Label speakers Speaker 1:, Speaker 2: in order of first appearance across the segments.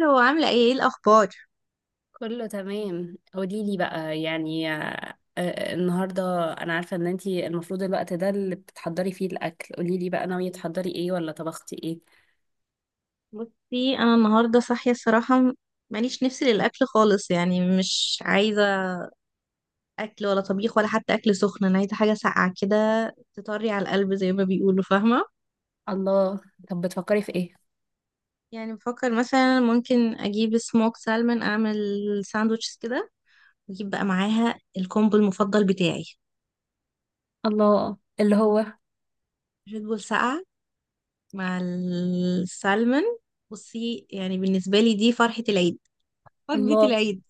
Speaker 1: لو عاملة ايه ايه الأخبار؟
Speaker 2: كله تمام. قولي لي بقى يعني النهارده انا عارفه ان انتي المفروض الوقت ده اللي بتحضري فيه الاكل. قولي لي بقى، ناويه تحضري ايه ولا طبختي ايه؟
Speaker 1: بصي أنا النهاردة صاحية الصراحة ماليش نفسي للأكل خالص. يعني مش عايزة أكل ولا طبيخ ولا حتى أكل سخن، أنا عايزة حاجة ساقعة كده تطري على القلب زي ما بيقولوا، فاهمة؟
Speaker 2: الله. طب بتفكري في ايه؟
Speaker 1: يعني بفكر مثلا ممكن أجيب سموك سالمون، أعمل ساندوتشز كده، وأجيب بقى معاها الكومبو المفضل بتاعي،
Speaker 2: الله اللي هو.
Speaker 1: ريد بول ساقعة مع السالمون. بصي يعني بالنسبة لي دي فرحة العيد، وجبة
Speaker 2: الله.
Speaker 1: العيد.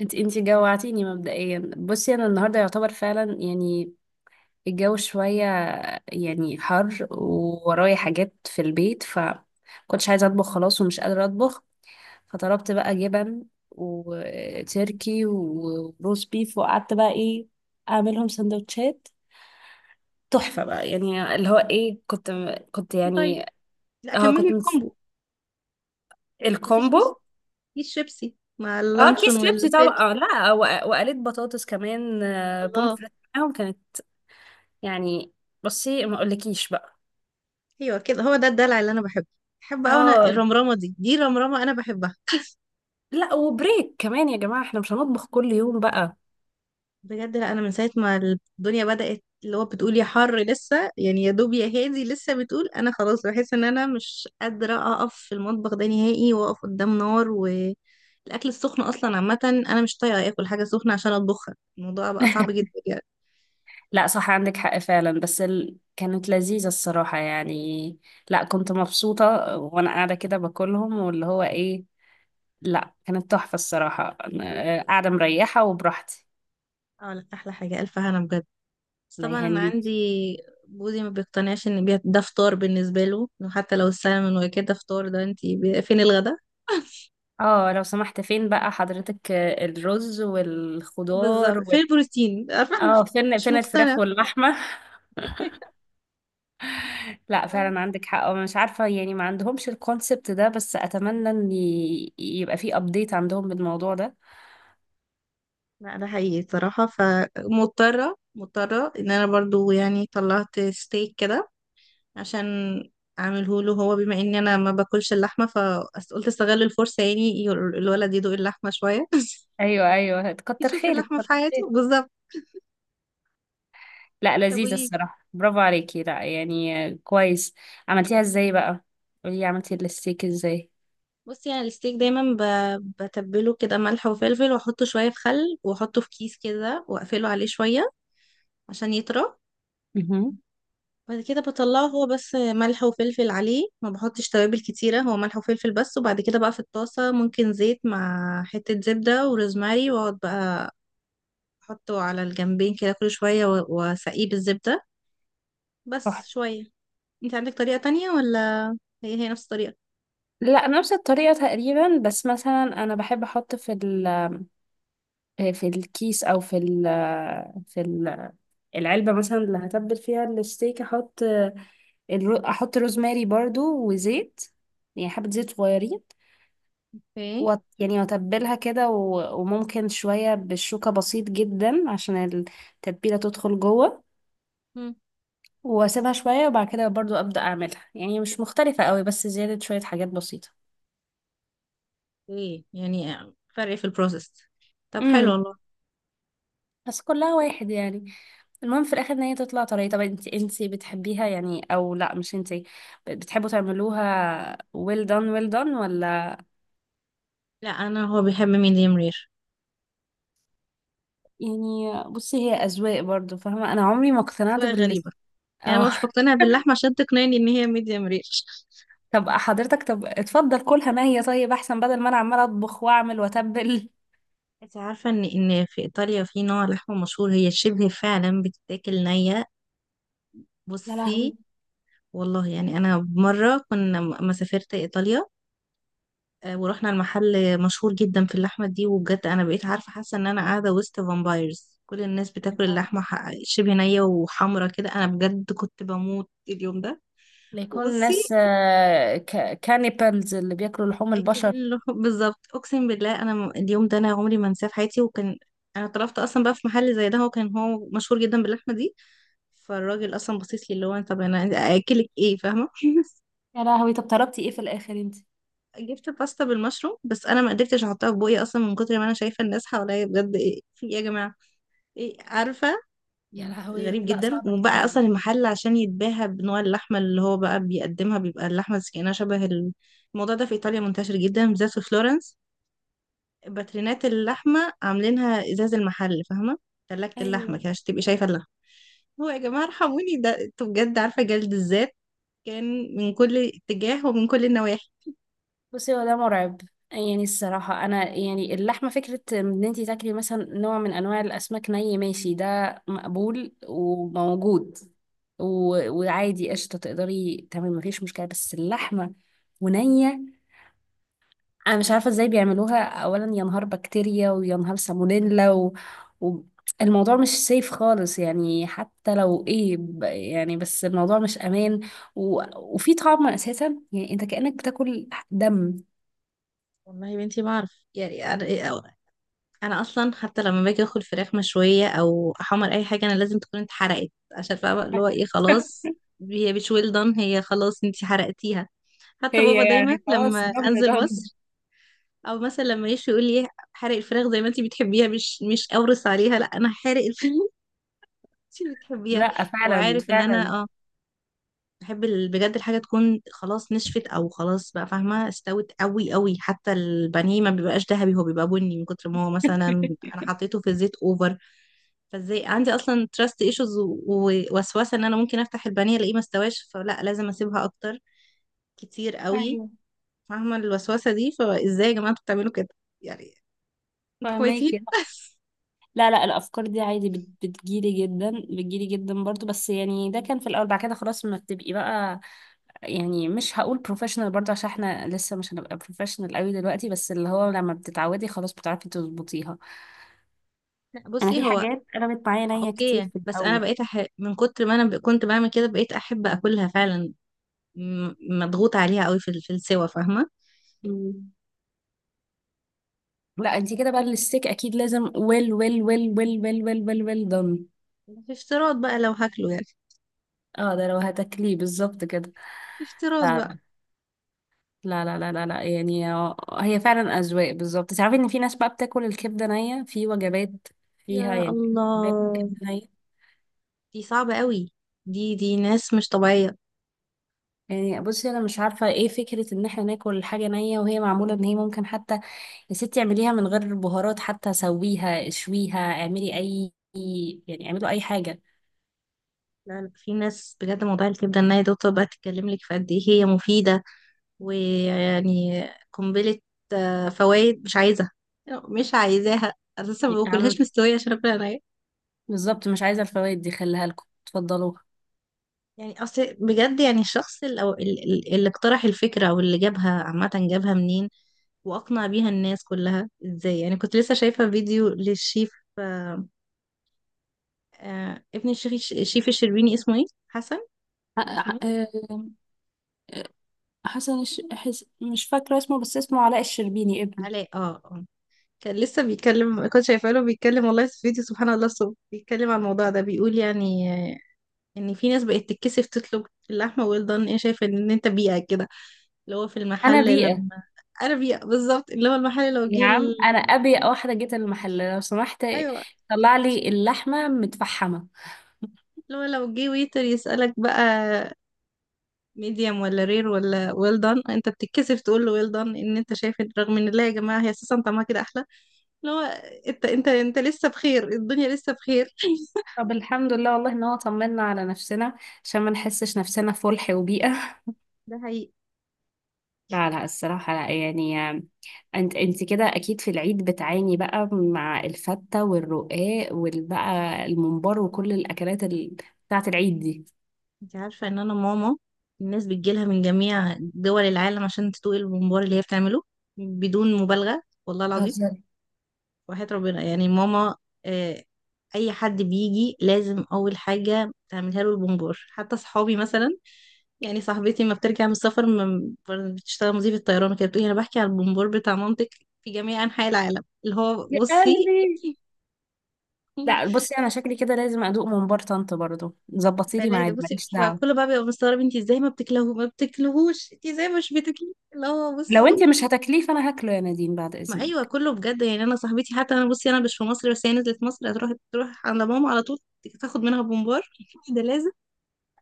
Speaker 2: انت جوعتيني مبدئيا. بصي انا النهارده يعتبر فعلا يعني الجو شويه، يعني حر وورايا حاجات في البيت، ف كنتش عايزه اطبخ خلاص ومش قادره اطبخ. فطلبت بقى جبن وتركي وروز بيف، وقعدت بقى ايه، اعملهم سندوتشات تحفة بقى، يعني اللي هو ايه، كنت
Speaker 1: طيب،
Speaker 2: يعني...
Speaker 1: لا
Speaker 2: اه
Speaker 1: كملي
Speaker 2: كنت مس-
Speaker 1: الكومبو. مفيش
Speaker 2: الكومبو.
Speaker 1: في الشيبسي مع
Speaker 2: اه
Speaker 1: اللانشون
Speaker 2: كيس شيبسي طبعا،
Speaker 1: والتركي.
Speaker 2: آه لا، وقليت بطاطس كمان،
Speaker 1: الله.
Speaker 2: بومفريت معاهم كانت. يعني بصي ما اقولكيش بقى.
Speaker 1: ايوه كده، هو ده الدلع اللي انا بحبه. بحب قوي انا
Speaker 2: اه،
Speaker 1: الرمرامه دي، رمرامه انا بحبها.
Speaker 2: لا وبريك كمان يا جماعة، احنا مش هنطبخ كل يوم بقى!
Speaker 1: بجد، لا انا من ساعه ما الدنيا بدات اللي هو بتقول يا حر لسه، يعني يا دوب يا هادي لسه بتقول، انا خلاص بحس ان انا مش قادره اقف في المطبخ ده نهائي، واقف قدام نار، والاكل السخن اصلا عامه انا مش طايقه اكل حاجه سخنه عشان اطبخها، الموضوع بقى صعب جدا يعني.
Speaker 2: لا صح، عندك حق فعلا. بس كانت لذيذة الصراحة يعني. لا كنت مبسوطة وانا قاعدة كده باكلهم، واللي هو ايه، لا كانت تحفة الصراحة، أنا قاعدة مريحة وبراحتي.
Speaker 1: اه لا احلى حاجه الف هنا بجد. بس
Speaker 2: الله
Speaker 1: طبعا انا عندي
Speaker 2: يهنيكي.
Speaker 1: جوزي ما بيقتنعش ان ده فطار. بالنسبه له إنه حتى لو السلمون وكده فطار، ده انت فين الغدا؟
Speaker 2: اه لو سمحت فين بقى حضرتك الرز
Speaker 1: بالظبط،
Speaker 2: والخضار
Speaker 1: فين البروتين؟ عارفة؟
Speaker 2: اه، فين
Speaker 1: مش
Speaker 2: فين الفراخ
Speaker 1: مقتنع.
Speaker 2: واللحمة؟ لا فعلا عندك حق، أنا مش عارفة يعني، ما عندهمش الكونسبت ده، بس اتمنى ان يبقى في ابديت عندهم بالموضوع ده.
Speaker 1: لا ده حقيقي صراحه، فمضطره ان انا برضو يعني طلعت ستيك كده عشان اعمله له هو، بما اني انا ما باكلش اللحمه، فقلت استغل الفرصه يعني، الولد يدوق اللحمه شويه
Speaker 2: ايوه، ايوه، كتر
Speaker 1: يشوف
Speaker 2: خيرك،
Speaker 1: اللحمه في
Speaker 2: كتر
Speaker 1: حياته،
Speaker 2: خيرك.
Speaker 1: بالظبط.
Speaker 2: لا
Speaker 1: طب
Speaker 2: لذيذة
Speaker 1: قولي.
Speaker 2: الصراحة، برافو عليكي. لا يعني كويس. عملتيها ازاي بقى؟ قولي عملتي الستيك ازاي؟
Speaker 1: بصي انا الستيك دايما بتبله كده ملح وفلفل، واحطه شويه في خل، واحطه في كيس كده واقفله عليه شويه عشان يطرى.
Speaker 2: مهم.
Speaker 1: بعد كده بطلعه، هو بس ملح وفلفل عليه، ما بحطش توابل كتيره، هو ملح وفلفل بس. وبعد كده بقى في الطاسه، ممكن زيت مع حته زبده وروزماري، واقعد بقى احطه على الجنبين كده كل شويه، واسقيه بالزبده
Speaker 2: صح.
Speaker 1: بس شويه. انت عندك طريقه تانية ولا هي هي نفس الطريقه؟
Speaker 2: لا نفس الطريقة تقريبا، بس مثلا أنا بحب أحط في ال، في الكيس أو في ال، في ال- العلبة مثلا اللي هتبل فيها الستيك، أحط أحط روزماري برضو وزيت، يعني حبة زيت صغيرين،
Speaker 1: اوكي.
Speaker 2: يعني وأتبلها كده، وممكن شوية بالشوكة، بسيط جدا عشان التتبيلة تدخل جوه.
Speaker 1: مم.
Speaker 2: واسيبها شوية وبعد كده برضو ابدأ اعملها، يعني مش مختلفة قوي، بس زيادة شوية حاجات بسيطة.
Speaker 1: ايه يعني؟ فرق في البروسيس؟ طب حلو
Speaker 2: امم،
Speaker 1: والله.
Speaker 2: بس كلها واحد يعني. المهم في الاخر ان هي تطلع طريقة. طب انت بتحبيها يعني او لا؟ مش انت بتحبوا تعملوها well done ولا؟
Speaker 1: لا انا هو بيحب ميديم رير.
Speaker 2: يعني بصي، هي اذواق برضو، فاهمة؟ انا عمري ما اقتنعت
Speaker 1: أذواق
Speaker 2: بال،
Speaker 1: غريبة. يعني أنا
Speaker 2: اه.
Speaker 1: مش مقتنع باللحمة، عشان تقنعني ان هي ميديم رير.
Speaker 2: طب حضرتك، طب اتفضل كلها، ما هي طيب، احسن بدل ما انا عمالة اطبخ واعمل واتبل.
Speaker 1: انت عارفة ان في ايطاليا في نوع لحمة مشهور هي شبه فعلا بتتاكل نية.
Speaker 2: يا لهوي.
Speaker 1: بصي، والله يعني انا مرة كنا ما سافرت ايطاليا، ورحنا المحل مشهور جدا في اللحمة دي، وبجد انا بقيت عارفة حاسة ان انا قاعدة وسط فامبايرز، كل الناس بتاكل اللحمة شبه نية وحمرة كده، انا بجد كنت بموت اليوم ده.
Speaker 2: ليكون
Speaker 1: وبصي،
Speaker 2: ناس كانيبالز اللي بياكلوا لحوم البشر؟
Speaker 1: اكلين اللحوم بالظبط. اقسم بالله انا اليوم ده انا عمري ما انساه في حياتي. وكان انا طلبت اصلا بقى في محل زي ده، هو كان هو مشهور جدا باللحمه دي، فالراجل اصلا بصيت لي اللي هو طب انا اكلك ايه، فاهمه؟
Speaker 2: يا لهوي، طب طلبتي ايه في الاخر انت؟
Speaker 1: جبت باستا بالمشروم، بس انا ما قدرتش احطها في بوقي اصلا من كتر ما انا شايفه الناس حواليا بجد ايه في ايه يا جماعه، ايه عارفه.
Speaker 2: يا لهوي،
Speaker 1: غريب
Speaker 2: لا
Speaker 1: جدا.
Speaker 2: صعب
Speaker 1: وبقى
Speaker 2: جدا.
Speaker 1: اصلا المحل عشان يتباهى بنوع اللحمه اللي هو بقى بيقدمها، بيبقى اللحمه كأنها شبه الموضوع ده في ايطاليا منتشر جدا، بالذات في فلورنس. باترينات اللحمة عاملينها ازاز المحل، فاهمة؟ تلاجة اللحمة
Speaker 2: ايوه.
Speaker 1: كده عشان تبقي شايفة اللحمة. هو يا جماعة ارحموني، ده انتوا بجد، عارفة جلد الذات كان من كل اتجاه ومن كل النواحي.
Speaker 2: بصي هو ده مرعب يعني. الصراحة أنا يعني اللحمة، فكرة إن أنتي تاكلي مثلا نوع من أنواع الأسماك ني، ماشي، ده مقبول وموجود، و... وعادي قشطة، تقدري تمام مفيش مشكلة، بس اللحمة ونية، انا مش عارفه ازاي بيعملوها. اولا يا نهار بكتيريا، ويا نهار سالمونيلا، و... الموضوع مش سيف خالص يعني، حتى لو ايه يعني، بس الموضوع مش امان، وفي طعم اساسا، يعني انت كأنك بتاكل دم.
Speaker 1: والله يا بنتي ما اعرف يعني، انا اصلا حتى لما باجي اكل فراخ مشوية او احمر اي حاجة، انا لازم تكون اتحرقت عشان فاهمة اللي هو ايه، خلاص هي مش ويل دان، هي خلاص انتي حرقتيها. حتى بابا
Speaker 2: هي
Speaker 1: دايما
Speaker 2: يعني خلاص،
Speaker 1: لما
Speaker 2: ضمن
Speaker 1: انزل
Speaker 2: ضمن.
Speaker 1: مصر او مثلا لما يشوي يقول لي، حرق الفراخ زي ما انت بتحبيها، مش مش اورس عليها، لا انا حارق الفراخ انت بتحبيها.
Speaker 2: لا
Speaker 1: هو
Speaker 2: فعلا
Speaker 1: عارف ان
Speaker 2: فعلا.
Speaker 1: انا اه بحب بجد الحاجه تكون خلاص نشفت او خلاص بقى، فاهمه؟ استوت قوي قوي، حتى البانيه ما بيبقاش ذهبي، هو بيبقى بني من كتر ما هو مثلا انا حطيته في الزيت اوفر. فازاي عندي اصلا تراست ايشوز ووسوسه ان انا ممكن افتح البانيه الاقيه ما استواش، فلا لازم اسيبها اكتر، كتير قوي.
Speaker 2: ايوه
Speaker 1: فاهمه الوسوسه دي؟ فازاي يا جماعه انتوا بتعملوا كده يعني؟ انتوا كويسين.
Speaker 2: فهماكي. لا لا، الافكار دي عادي بتجيلي جدا، بتجيلي جدا برضو، بس يعني ده كان في الاول، بعد كده خلاص ما بتبقي بقى. يعني مش هقول بروفيشنال برضه، عشان احنا لسه مش هنبقى بروفيشنال قوي دلوقتي، بس اللي هو لما بتتعودي خلاص بتعرفي تظبطيها.
Speaker 1: لا
Speaker 2: انا
Speaker 1: بصي
Speaker 2: في
Speaker 1: هو
Speaker 2: حاجات قلبت معايا نية
Speaker 1: اوكي
Speaker 2: كتير
Speaker 1: يعني،
Speaker 2: في
Speaker 1: بس انا
Speaker 2: الاول.
Speaker 1: بقيت من كتر ما انا كنت بعمل كده بقيت احب اكلها فعلا. م- مضغوط عليها قوي في في السوا، فاهمه؟
Speaker 2: مم. لا انت كده بقى الستيك اكيد لازم ويل ويل ويل ويل ويل ويل ويل ويل دون.
Speaker 1: في افتراض بقى لو هاكله يعني.
Speaker 2: اه، ده لو هتاكليه بالظبط كده.
Speaker 1: في افتراض
Speaker 2: لا
Speaker 1: بقى.
Speaker 2: لا لا لا لا لا، يعني هي فعلا اذواق، بالظبط. تعرفي ان في ناس بقى بتاكل الكبده نيه في وجبات فيها
Speaker 1: يا
Speaker 2: يعني؟ بتاكل
Speaker 1: الله،
Speaker 2: كبده!
Speaker 1: دي صعبه قوي. دي ناس مش طبيعيه.
Speaker 2: يعني بصي، انا مش عارفه ايه فكره ان احنا ناكل حاجه نيه وهي معموله، ان هي ممكن حتى، يا ستي اعمليها من غير بهارات حتى، سويها، اشويها، اعملي اي، يعني اعملوا اي حاجه.
Speaker 1: لا لا، في ناس بجد موضوع الكبده ان هي دكتور بقى تتكلم لك في قد ايه هي مفيده، ويعني قنبله فوائد. مش عايزه، مش عايزاها اساسا، ما
Speaker 2: يعني اعمل،
Speaker 1: باكلهاش مستويه عشان اكل
Speaker 2: بالظبط، مش عايزه الفوائد دي، خليها لكم اتفضلوها.
Speaker 1: يعني. اصل بجد يعني الشخص اللي, أو اللي اقترح الفكرة او اللي جابها، عامة جابها منين واقنع بيها الناس كلها ازاي؟ يعني كنت لسه شايفة فيديو للشيف، آه، آه، ابن الشيخ الشيف الشربيني، اسمه ايه، حسن؟
Speaker 2: ح-
Speaker 1: اسمه
Speaker 2: ح-
Speaker 1: ايه؟
Speaker 2: آه، حسن مش فاكرة اسمه، بس اسمه علاء الشربيني، ابنه.
Speaker 1: علاء، اه اه. كان لسه بيتكلم، كنت شايفة له بيتكلم والله في فيديو سبحان الله الصبح، بيتكلم عن الموضوع ده، بيقول يعني، ان في ناس بقت تتكسف تطلب اللحمة ويل دان، ايه شايفة ان انت بيئة كده؟ اللي هو في
Speaker 2: انا
Speaker 1: المحل
Speaker 2: بيئه.
Speaker 1: لما، انا بيئة، بالظبط. اللي هو المحل لو
Speaker 2: يا
Speaker 1: جه
Speaker 2: عم انا ابيئ واحده، جيت المحل لو سمحت
Speaker 1: ايوه،
Speaker 2: طلع لي اللحمه متفحمه.
Speaker 1: لو لو جه ويتر يسألك بقى، ميديم ولا رير ولا ويل دان، انت بتتكسف تقول له ويل دان ان انت شايف رغم ان، لا يا جماعة هي اساسا طعمها كده احلى. اللي هو، انت انت لسه بخير، الدنيا لسه بخير.
Speaker 2: طب الحمد لله والله، ان هو طمنا على نفسنا عشان ما نحسش نفسنا في فلح وبيئة.
Speaker 1: ده حقيقي.
Speaker 2: لا لا الصراحة، لا يعني. انت كده اكيد في العيد بتعاني بقى مع الفتة والرقاق، والبقى الممبار وكل الاكلات بتاعة العيد دي.
Speaker 1: انت عارفة ان انا ماما الناس بتجيلها من جميع دول العالم عشان تدوق الممبار اللي هي بتعمله، بدون مبالغة، والله العظيم،
Speaker 2: بتهزري!
Speaker 1: وحياة ربنا يعني. ماما، آه، اي حد بيجي لازم اول حاجة تعملها له البونبور. حتى صحابي مثلا، يعني صاحبتي ما بترجع من السفر، ما بتشتغل مضيفة طيران وكده، بتقولي انا بحكي على البونبور بتاع مامتك في جميع انحاء العالم، اللي هو
Speaker 2: يا
Speaker 1: بصي.
Speaker 2: قلبي.
Speaker 1: والله.
Speaker 2: لا بصي، انا شكلي كده لازم ادوق ممبار طنط برضه. ظبطي لي
Speaker 1: فلازم،
Speaker 2: ميعاد،
Speaker 1: بصي
Speaker 2: ماليش دعوة.
Speaker 1: فكله بقى بيبقى مستغرب انت ازاي ما بتاكلهوش، ما بتاكلهوش انت ازاي مش بتاكليه، اللي هو
Speaker 2: لو انت
Speaker 1: بصي.
Speaker 2: مش هتاكليه فانا هاكله يا نادين، بعد
Speaker 1: ما ايوه
Speaker 2: اذنك.
Speaker 1: كله بجد يعني. انا صاحبتي حتى، انا بصي انا مش في مصر، بس هي نزلت مصر هتروح تروح عند ماما على طول تاخد منها بومبار ده لازم.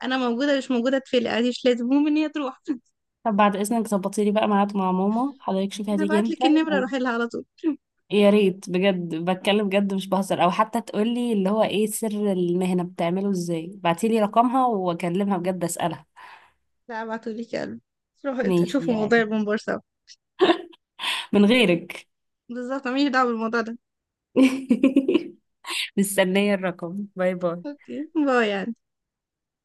Speaker 1: انا موجوده مش موجوده تفلق عادي مش لازم، المهم ان هي تروح.
Speaker 2: طب بعد اذنك ظبطي لي بقى ميعاد مع ماما حضرتك، شوفي
Speaker 1: انا
Speaker 2: هتيجي
Speaker 1: هبعت
Speaker 2: امتى.
Speaker 1: لك النمره روحي لها على طول.
Speaker 2: يا ريت بجد، بتكلم بجد مش بهزر، او حتى تقولي اللي هو ايه سر المهنة، بتعمله ازاي، بعتيلي رقمها واكلمها بجد اسألها.
Speaker 1: لا ابعتوا لي كلب روحوا
Speaker 2: ماشي
Speaker 1: تشوفوا موضوع
Speaker 2: يعني،
Speaker 1: البومبار سوا.
Speaker 2: من غيرك.
Speaker 1: بالظبط ماليش دعوه بالموضوع ده.
Speaker 2: مستنية الرقم. باي باي.
Speaker 1: اوكي باي يعني.